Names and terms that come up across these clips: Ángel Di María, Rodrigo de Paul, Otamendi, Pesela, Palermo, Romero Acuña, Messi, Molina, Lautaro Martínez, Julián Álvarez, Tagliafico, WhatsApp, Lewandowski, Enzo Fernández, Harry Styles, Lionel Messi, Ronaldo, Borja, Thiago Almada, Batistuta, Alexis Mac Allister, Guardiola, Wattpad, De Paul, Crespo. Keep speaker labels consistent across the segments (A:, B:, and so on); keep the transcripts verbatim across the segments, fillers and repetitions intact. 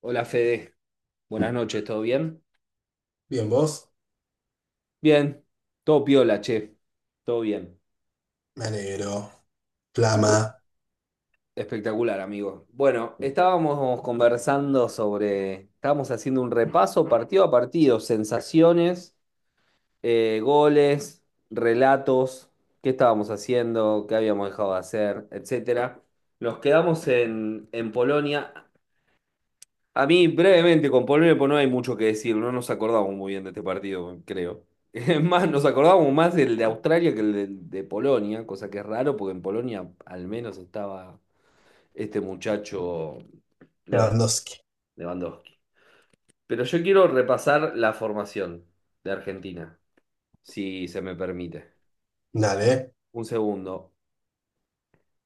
A: Hola Fede, buenas noches, ¿todo bien?
B: Bien, vos.
A: Bien, todo piola, che, todo bien.
B: Me alegro. Flama.
A: Espectacular, amigo. Bueno, estábamos conversando sobre, estábamos haciendo un repaso partido a partido, sensaciones, eh, goles, relatos, qué estábamos haciendo, qué habíamos dejado de hacer, etcétera. Nos quedamos en, en Polonia. A mí, brevemente, con Polonia pues, no hay mucho que decir. No nos acordamos muy bien de este partido, creo. Es más, nos acordábamos más del de Australia que el de, de Polonia, cosa que es raro porque en Polonia al menos estaba este muchacho Levan-
B: Lewandowski.
A: Lewandowski. Pero yo quiero repasar la formación de Argentina, si se me permite.
B: Dale,
A: Un segundo.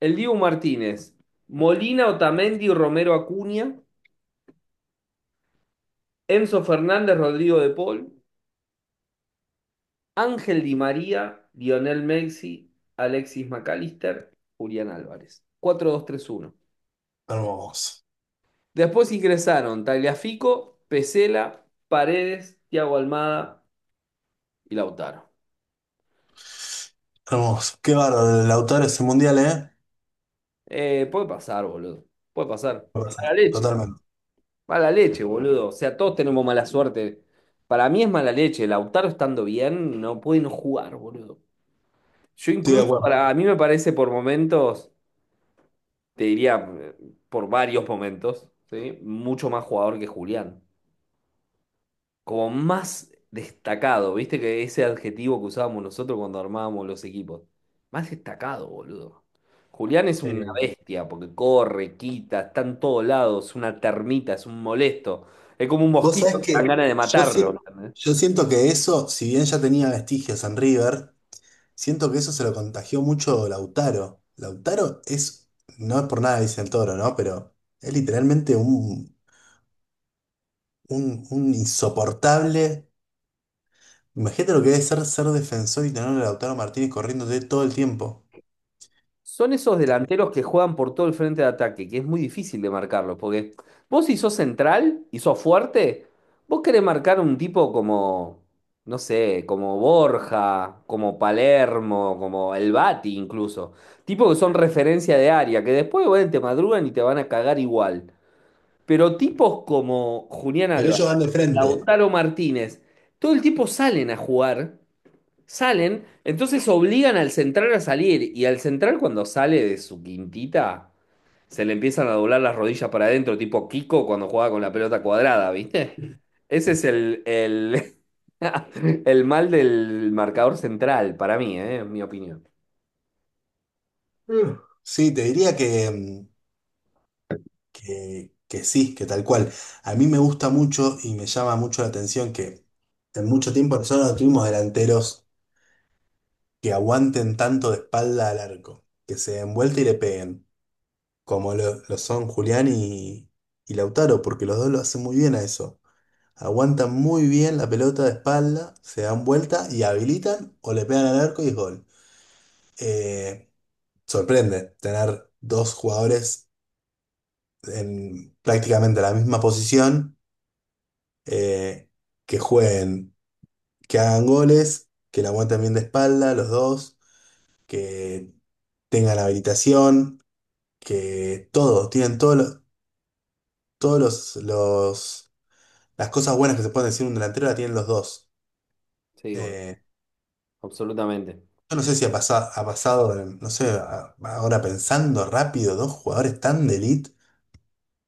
A: El Dibu Martínez, Molina, Otamendi, Romero Acuña, Enzo Fernández, Rodrigo de Paul. Ángel Di María, Lionel Messi, Alexis Mac Allister, Julián Álvarez. Cuatro dos tres uno. Sí.
B: hermoso.
A: Después ingresaron Tagliafico, Pesela, Paredes, Thiago Almada y Lautaro.
B: Hermoso. Qué bárbaro el autor ese mundial, ¿eh?
A: Eh, puede pasar, boludo. Puede pasar.
B: Va a pasar.
A: Mala leche.
B: Totalmente.
A: Mala leche, boludo. O sea, todos tenemos mala suerte. Para mí es mala leche. Lautaro estando bien, no puede no jugar, boludo. Yo
B: Estoy de
A: incluso,
B: acuerdo.
A: para, a mí me parece por momentos. Te diría eh, por varios momentos, ¿sí? Mucho más jugador que Julián. Como más destacado, viste que ese adjetivo que usábamos nosotros cuando armábamos los equipos. Más destacado, boludo. Julián es una
B: Eh,
A: bestia porque corre, quita, está en todos lados, es una termita, es un molesto. Es como un
B: Vos
A: mosquito,
B: sabés
A: te dan
B: que
A: ganas de
B: yo,
A: matarlo.
B: si-
A: ¿Entendés?
B: yo siento que eso, si bien ya tenía vestigios en River, siento que eso se lo contagió mucho Lautaro. Lautaro es, no es por nada, dice el toro, ¿no? Pero es literalmente un, un, un insoportable. Imagínate lo que debe ser ser defensor y tener a Lautaro Martínez corriéndote todo el tiempo.
A: Son esos delanteros que juegan por todo el frente de ataque, que es muy difícil de marcarlo, porque vos si sos central y sos fuerte, vos querés marcar un tipo como, no sé, como Borja, como Palermo, como el Bati incluso. Tipos que son referencia de área, que después, bueno, te madrugan y te van a cagar igual. Pero tipos como Julián
B: Pero
A: Álvarez,
B: ellos van de frente.
A: Lautaro Martínez, todo el tiempo salen a jugar. Salen, entonces obligan al central a salir y al central cuando sale de su quintita se le empiezan a doblar las rodillas para adentro, tipo Kiko cuando juega con la pelota cuadrada, ¿viste? Ese es el, el, el mal del marcador central para mí, ¿eh? En mi opinión.
B: Mm. Sí, te diría que, mm, que, que sí, que tal cual. A mí me gusta mucho y me llama mucho la atención que en mucho tiempo nosotros no tuvimos delanteros que aguanten tanto de espalda al arco, que se den vuelta y le peguen, como lo, lo son Julián y, y Lautaro, porque los dos lo hacen muy bien a eso. Aguantan muy bien la pelota de espalda, se dan vuelta y habilitan o le pegan al arco y es gol. Eh, Sorprende tener dos jugadores en prácticamente la misma posición, eh, que jueguen, que hagan goles, que la aguanten bien de espalda los dos, que tengan habilitación, que todo, tienen todos los, todos los, los- las cosas buenas que se pueden decir un delantero la tienen los dos.
A: Sí, bueno,
B: Eh,
A: absolutamente.
B: Yo no sé si ha pasado, ha pasado, en- no sé, a- ahora pensando rápido, dos jugadores tan de elite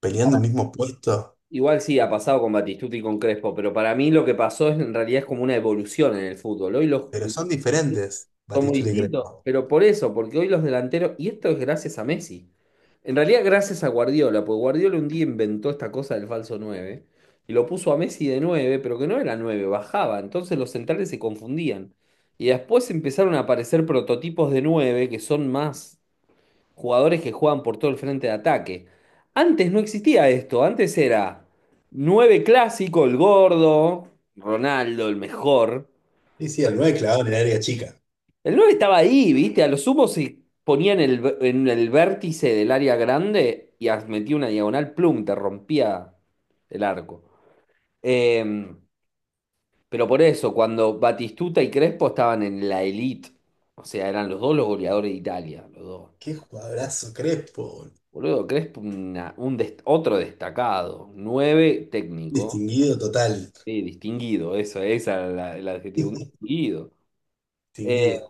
B: peleando un mismo puesto,
A: Igual sí, ha pasado con Batistuta y con Crespo, pero para mí lo que pasó es, en realidad es como una evolución en el fútbol. Hoy los,
B: pero son diferentes,
A: son muy
B: Batistuta y
A: distintos.
B: Crespo.
A: Pero por eso, porque hoy los delanteros, y esto es gracias a Messi, en realidad gracias a Guardiola, porque Guardiola un día inventó esta cosa del falso nueve y lo puso a Messi de nueve pero que no era nueve bajaba, entonces los centrales se confundían. Y después empezaron a aparecer prototipos de nueve que son más jugadores que juegan por todo el frente de ataque. Antes no existía esto, antes era nueve clásico, el gordo, Ronaldo, el mejor.
B: Sí, sí, el nueve clavado en el área chica.
A: El nueve estaba ahí, ¿viste? A lo sumo se ponía en el, en el vértice del área grande y as- metía una diagonal, plum, te rompía el arco. Eh, pero por eso, cuando Batistuta y Crespo estaban en la elite, o sea, eran los dos los goleadores de Italia, los dos.
B: Qué jugadorazo Crespo, boludo.
A: Boludo, Crespo, una- un dest- otro destacado, nueve técnico,
B: Distinguido total.
A: sí, distinguido, eso, esa era la- el adjetivo, un distinguido. Eh,
B: Distinguido.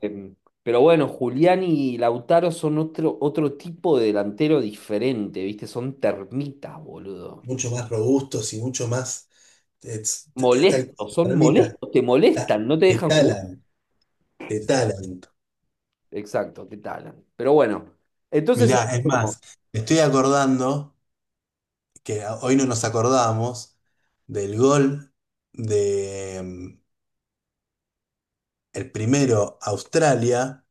A: pero bueno, Julián y Lautaro son otro, otro tipo de delantero diferente, ¿viste? Son termitas, boludo.
B: Mucho más robustos y mucho más. eh, t- eh, Tal
A: Molestos, son
B: ermita.
A: molestos, te molestan, no te
B: Te
A: dejan jugar.
B: talan, te talan.
A: Exacto, te talan. Pero bueno, entonces,
B: Mirá, es
A: ¿cómo?
B: más, me estoy acordando que hoy no nos acordamos del gol de mm, el primero Australia,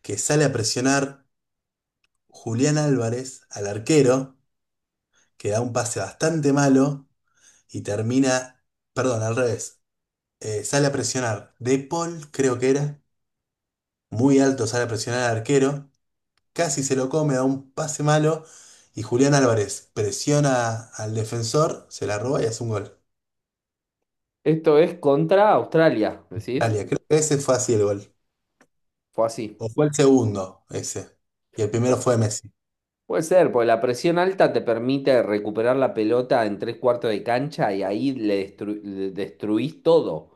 B: que sale a presionar Julián Álvarez al arquero, que da un pase bastante malo y termina, perdón, al revés. Eh, sale a presionar De Paul, creo que era, muy alto sale a presionar al arquero, casi se lo come, da un pase malo y Julián Álvarez presiona al defensor, se la roba y hace un gol.
A: ¿Esto es contra Australia, decís?
B: Australia, creo que ese fue así el gol.
A: Fue así.
B: O fue el segundo ese. Y el primero fue Messi.
A: Puede ser, porque la presión alta te permite recuperar la pelota en tres cuartos de cancha y ahí le, destru- le destruís todo.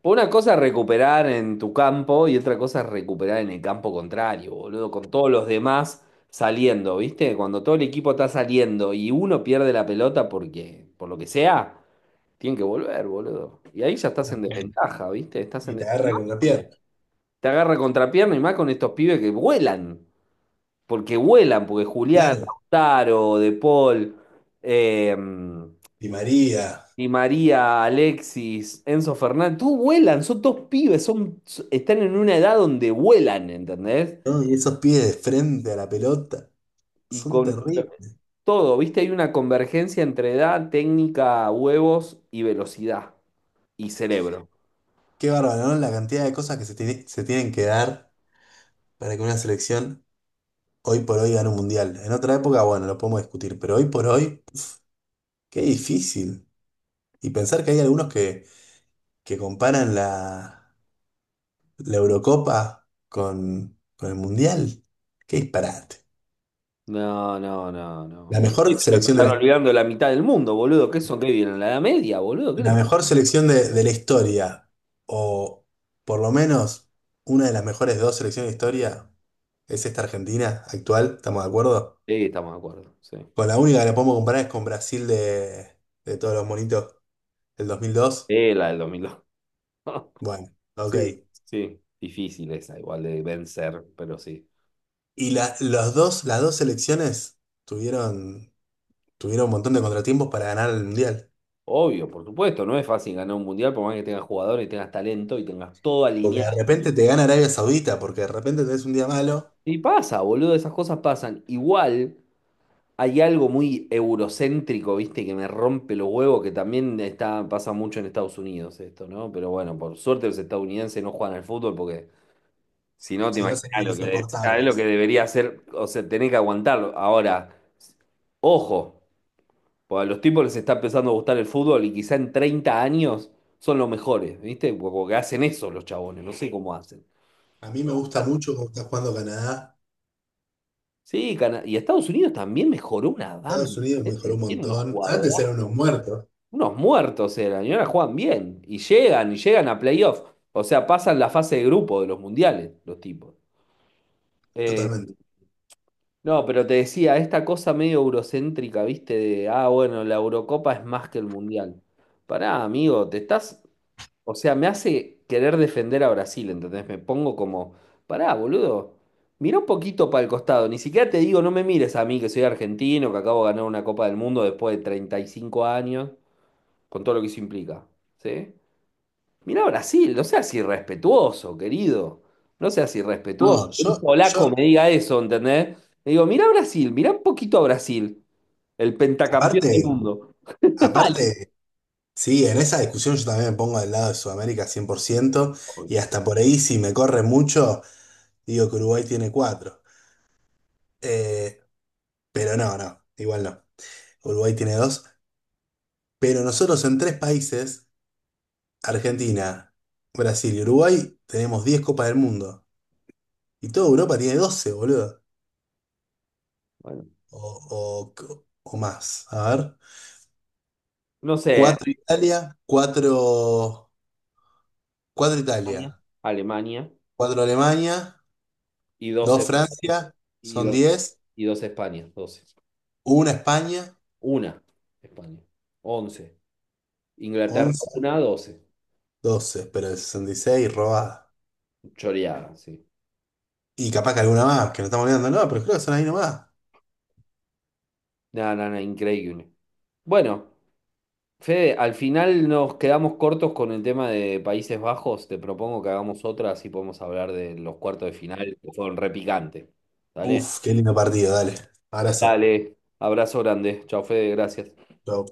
A: Por una cosa es recuperar en tu campo y otra cosa es recuperar en el campo contrario, boludo, con todos los demás saliendo, ¿viste? Cuando todo el equipo está saliendo y uno pierde la pelota porque, por lo que sea, tienen que volver, boludo. Y ahí ya estás en desventaja, ¿viste? Estás en...
B: Y te
A: de-
B: agarra con la pierna.
A: Te agarra contrapierna y más con estos pibes que vuelan porque vuelan, porque Julián,
B: Claro.
A: Lautaro, De Paul, eh,
B: Y María.
A: Di María, Alexis, Enzo Fernández, todos vuelan, son dos pibes, son, están en una edad donde vuelan, ¿entendés?
B: ¿No? Y esos pies de frente a la pelota
A: Y
B: son
A: con
B: terribles.
A: todo, ¿viste? Hay una convergencia entre edad, técnica, huevos y velocidad y cerebro.
B: Qué bárbaro, ¿no? La cantidad de cosas que se, tiene- se tienen que dar para que una selección hoy por hoy gane un mundial. En otra época, bueno, lo podemos discutir, pero hoy por hoy, qué difícil. Y pensar que hay algunos que, que comparan la, la Eurocopa con, con el mundial. Qué disparate.
A: No, no, no, no,
B: La
A: no. Sí,
B: mejor
A: se
B: selección de
A: están
B: la,
A: olvidando la mitad del mundo, boludo. ¿Qué son? ¿Qué vienen? ¿La Edad Media, boludo? ¿Qué
B: La
A: les pasa?
B: mejor selección de, de la historia, o por lo menos una de las mejores dos selecciones de historia, es esta Argentina actual. ¿Estamos de acuerdo?
A: Sí, estamos de acuerdo, sí.
B: Con la única que la podemos comparar es con Brasil de, de todos los monitos del dos mil dos.
A: Sí, la del dos mil dos.
B: Bueno, ok.
A: Sí, sí. Difícil esa, igual de vencer, pero sí.
B: Y la- los dos, las dos selecciones tuvieron, tuvieron un montón de contratiempos para ganar el Mundial.
A: Obvio, por supuesto, no es fácil ganar un mundial por más que tengas jugadores, tengas talento y tengas todo
B: Porque de
A: alineado.
B: repente te gana Arabia Saudita, porque de repente tenés un día malo,
A: Y pasa, boludo, esas cosas pasan. Igual hay algo muy eurocéntrico, viste, que me rompe los huevos, que también está, pasa mucho en Estados Unidos esto, ¿no? Pero bueno, por suerte los estadounidenses no juegan al fútbol porque si no te
B: si no
A: imaginas
B: serían
A: lo que es, es lo que
B: insoportables.
A: debería hacer, o sea, tenés que aguantarlo. Ahora, ojo. Porque a los tipos les está empezando a gustar el fútbol y quizá en treinta años son los mejores, ¿viste? Porque hacen eso los chabones, no sé cómo hacen.
B: A mí me gusta mucho cómo está jugando Canadá.
A: Sí, Cana- y Estados Unidos también mejoró una
B: Estados
A: banda.
B: Unidos mejoró un
A: ¿Eh? Tiene unos
B: montón.
A: jugadores,
B: Antes eran unos muertos.
A: unos muertos eran, y ahora juegan bien. Y llegan, y llegan a playoff. O sea, pasan la fase de grupo de los mundiales, los tipos. Eh,
B: Totalmente.
A: no, pero te decía, esta cosa medio eurocéntrica, ¿viste? De, ah, bueno, la Eurocopa es más que el mundial. Pará, amigo, te estás o sea, me hace querer defender a Brasil, ¿entendés? Me pongo como, pará, boludo, mira un poquito para el costado, ni siquiera te digo, no me mires a mí que soy argentino, que acabo de ganar una Copa del Mundo después de treinta y cinco años, con todo lo que eso implica, ¿sí? Mira a Brasil, no seas irrespetuoso, querido, no seas irrespetuoso.
B: No,
A: Que un
B: yo,
A: polaco
B: yo,
A: me diga eso, ¿entendés? Le digo, mira a Brasil, mira un poquito a Brasil, el pentacampeón del
B: aparte,
A: mundo.
B: aparte, sí, en esa discusión yo también me pongo del lado de Sudamérica cien por ciento. Y
A: Obvio.
B: hasta por ahí si me corre mucho, digo que Uruguay tiene cuatro. Eh, pero no, no, igual no. Uruguay tiene dos, pero nosotros en tres países, Argentina, Brasil y Uruguay, tenemos diez Copas del Mundo. Y toda Europa tiene doce, boludo.
A: Bueno,
B: O, o, o más. A ver.
A: no sé,
B: Cuatro Italia, cuatro, cuatro Italia,
A: Alemania
B: cuatro Alemania,
A: y
B: dos
A: doce.
B: Francia, son diez,
A: Y dos España, doce.
B: una España,
A: Una España, once Inglaterra,
B: once,
A: una, doce.
B: doce, pero el sesenta y seis robada.
A: Choreada, sí.
B: Y capaz que alguna más, que no estamos olvidando, no, pero creo que son ahí nomás.
A: Nada, nada, increíble. Bueno, Fede, al final nos quedamos cortos con el tema de Países Bajos. Te propongo que hagamos otra, así podemos hablar de los cuartos de final, que fueron repicantes. ¿Dale?
B: Uf, qué lindo partido, dale. Abrazo.
A: Dale. Abrazo grande. Chao, Fede, gracias.
B: Chau.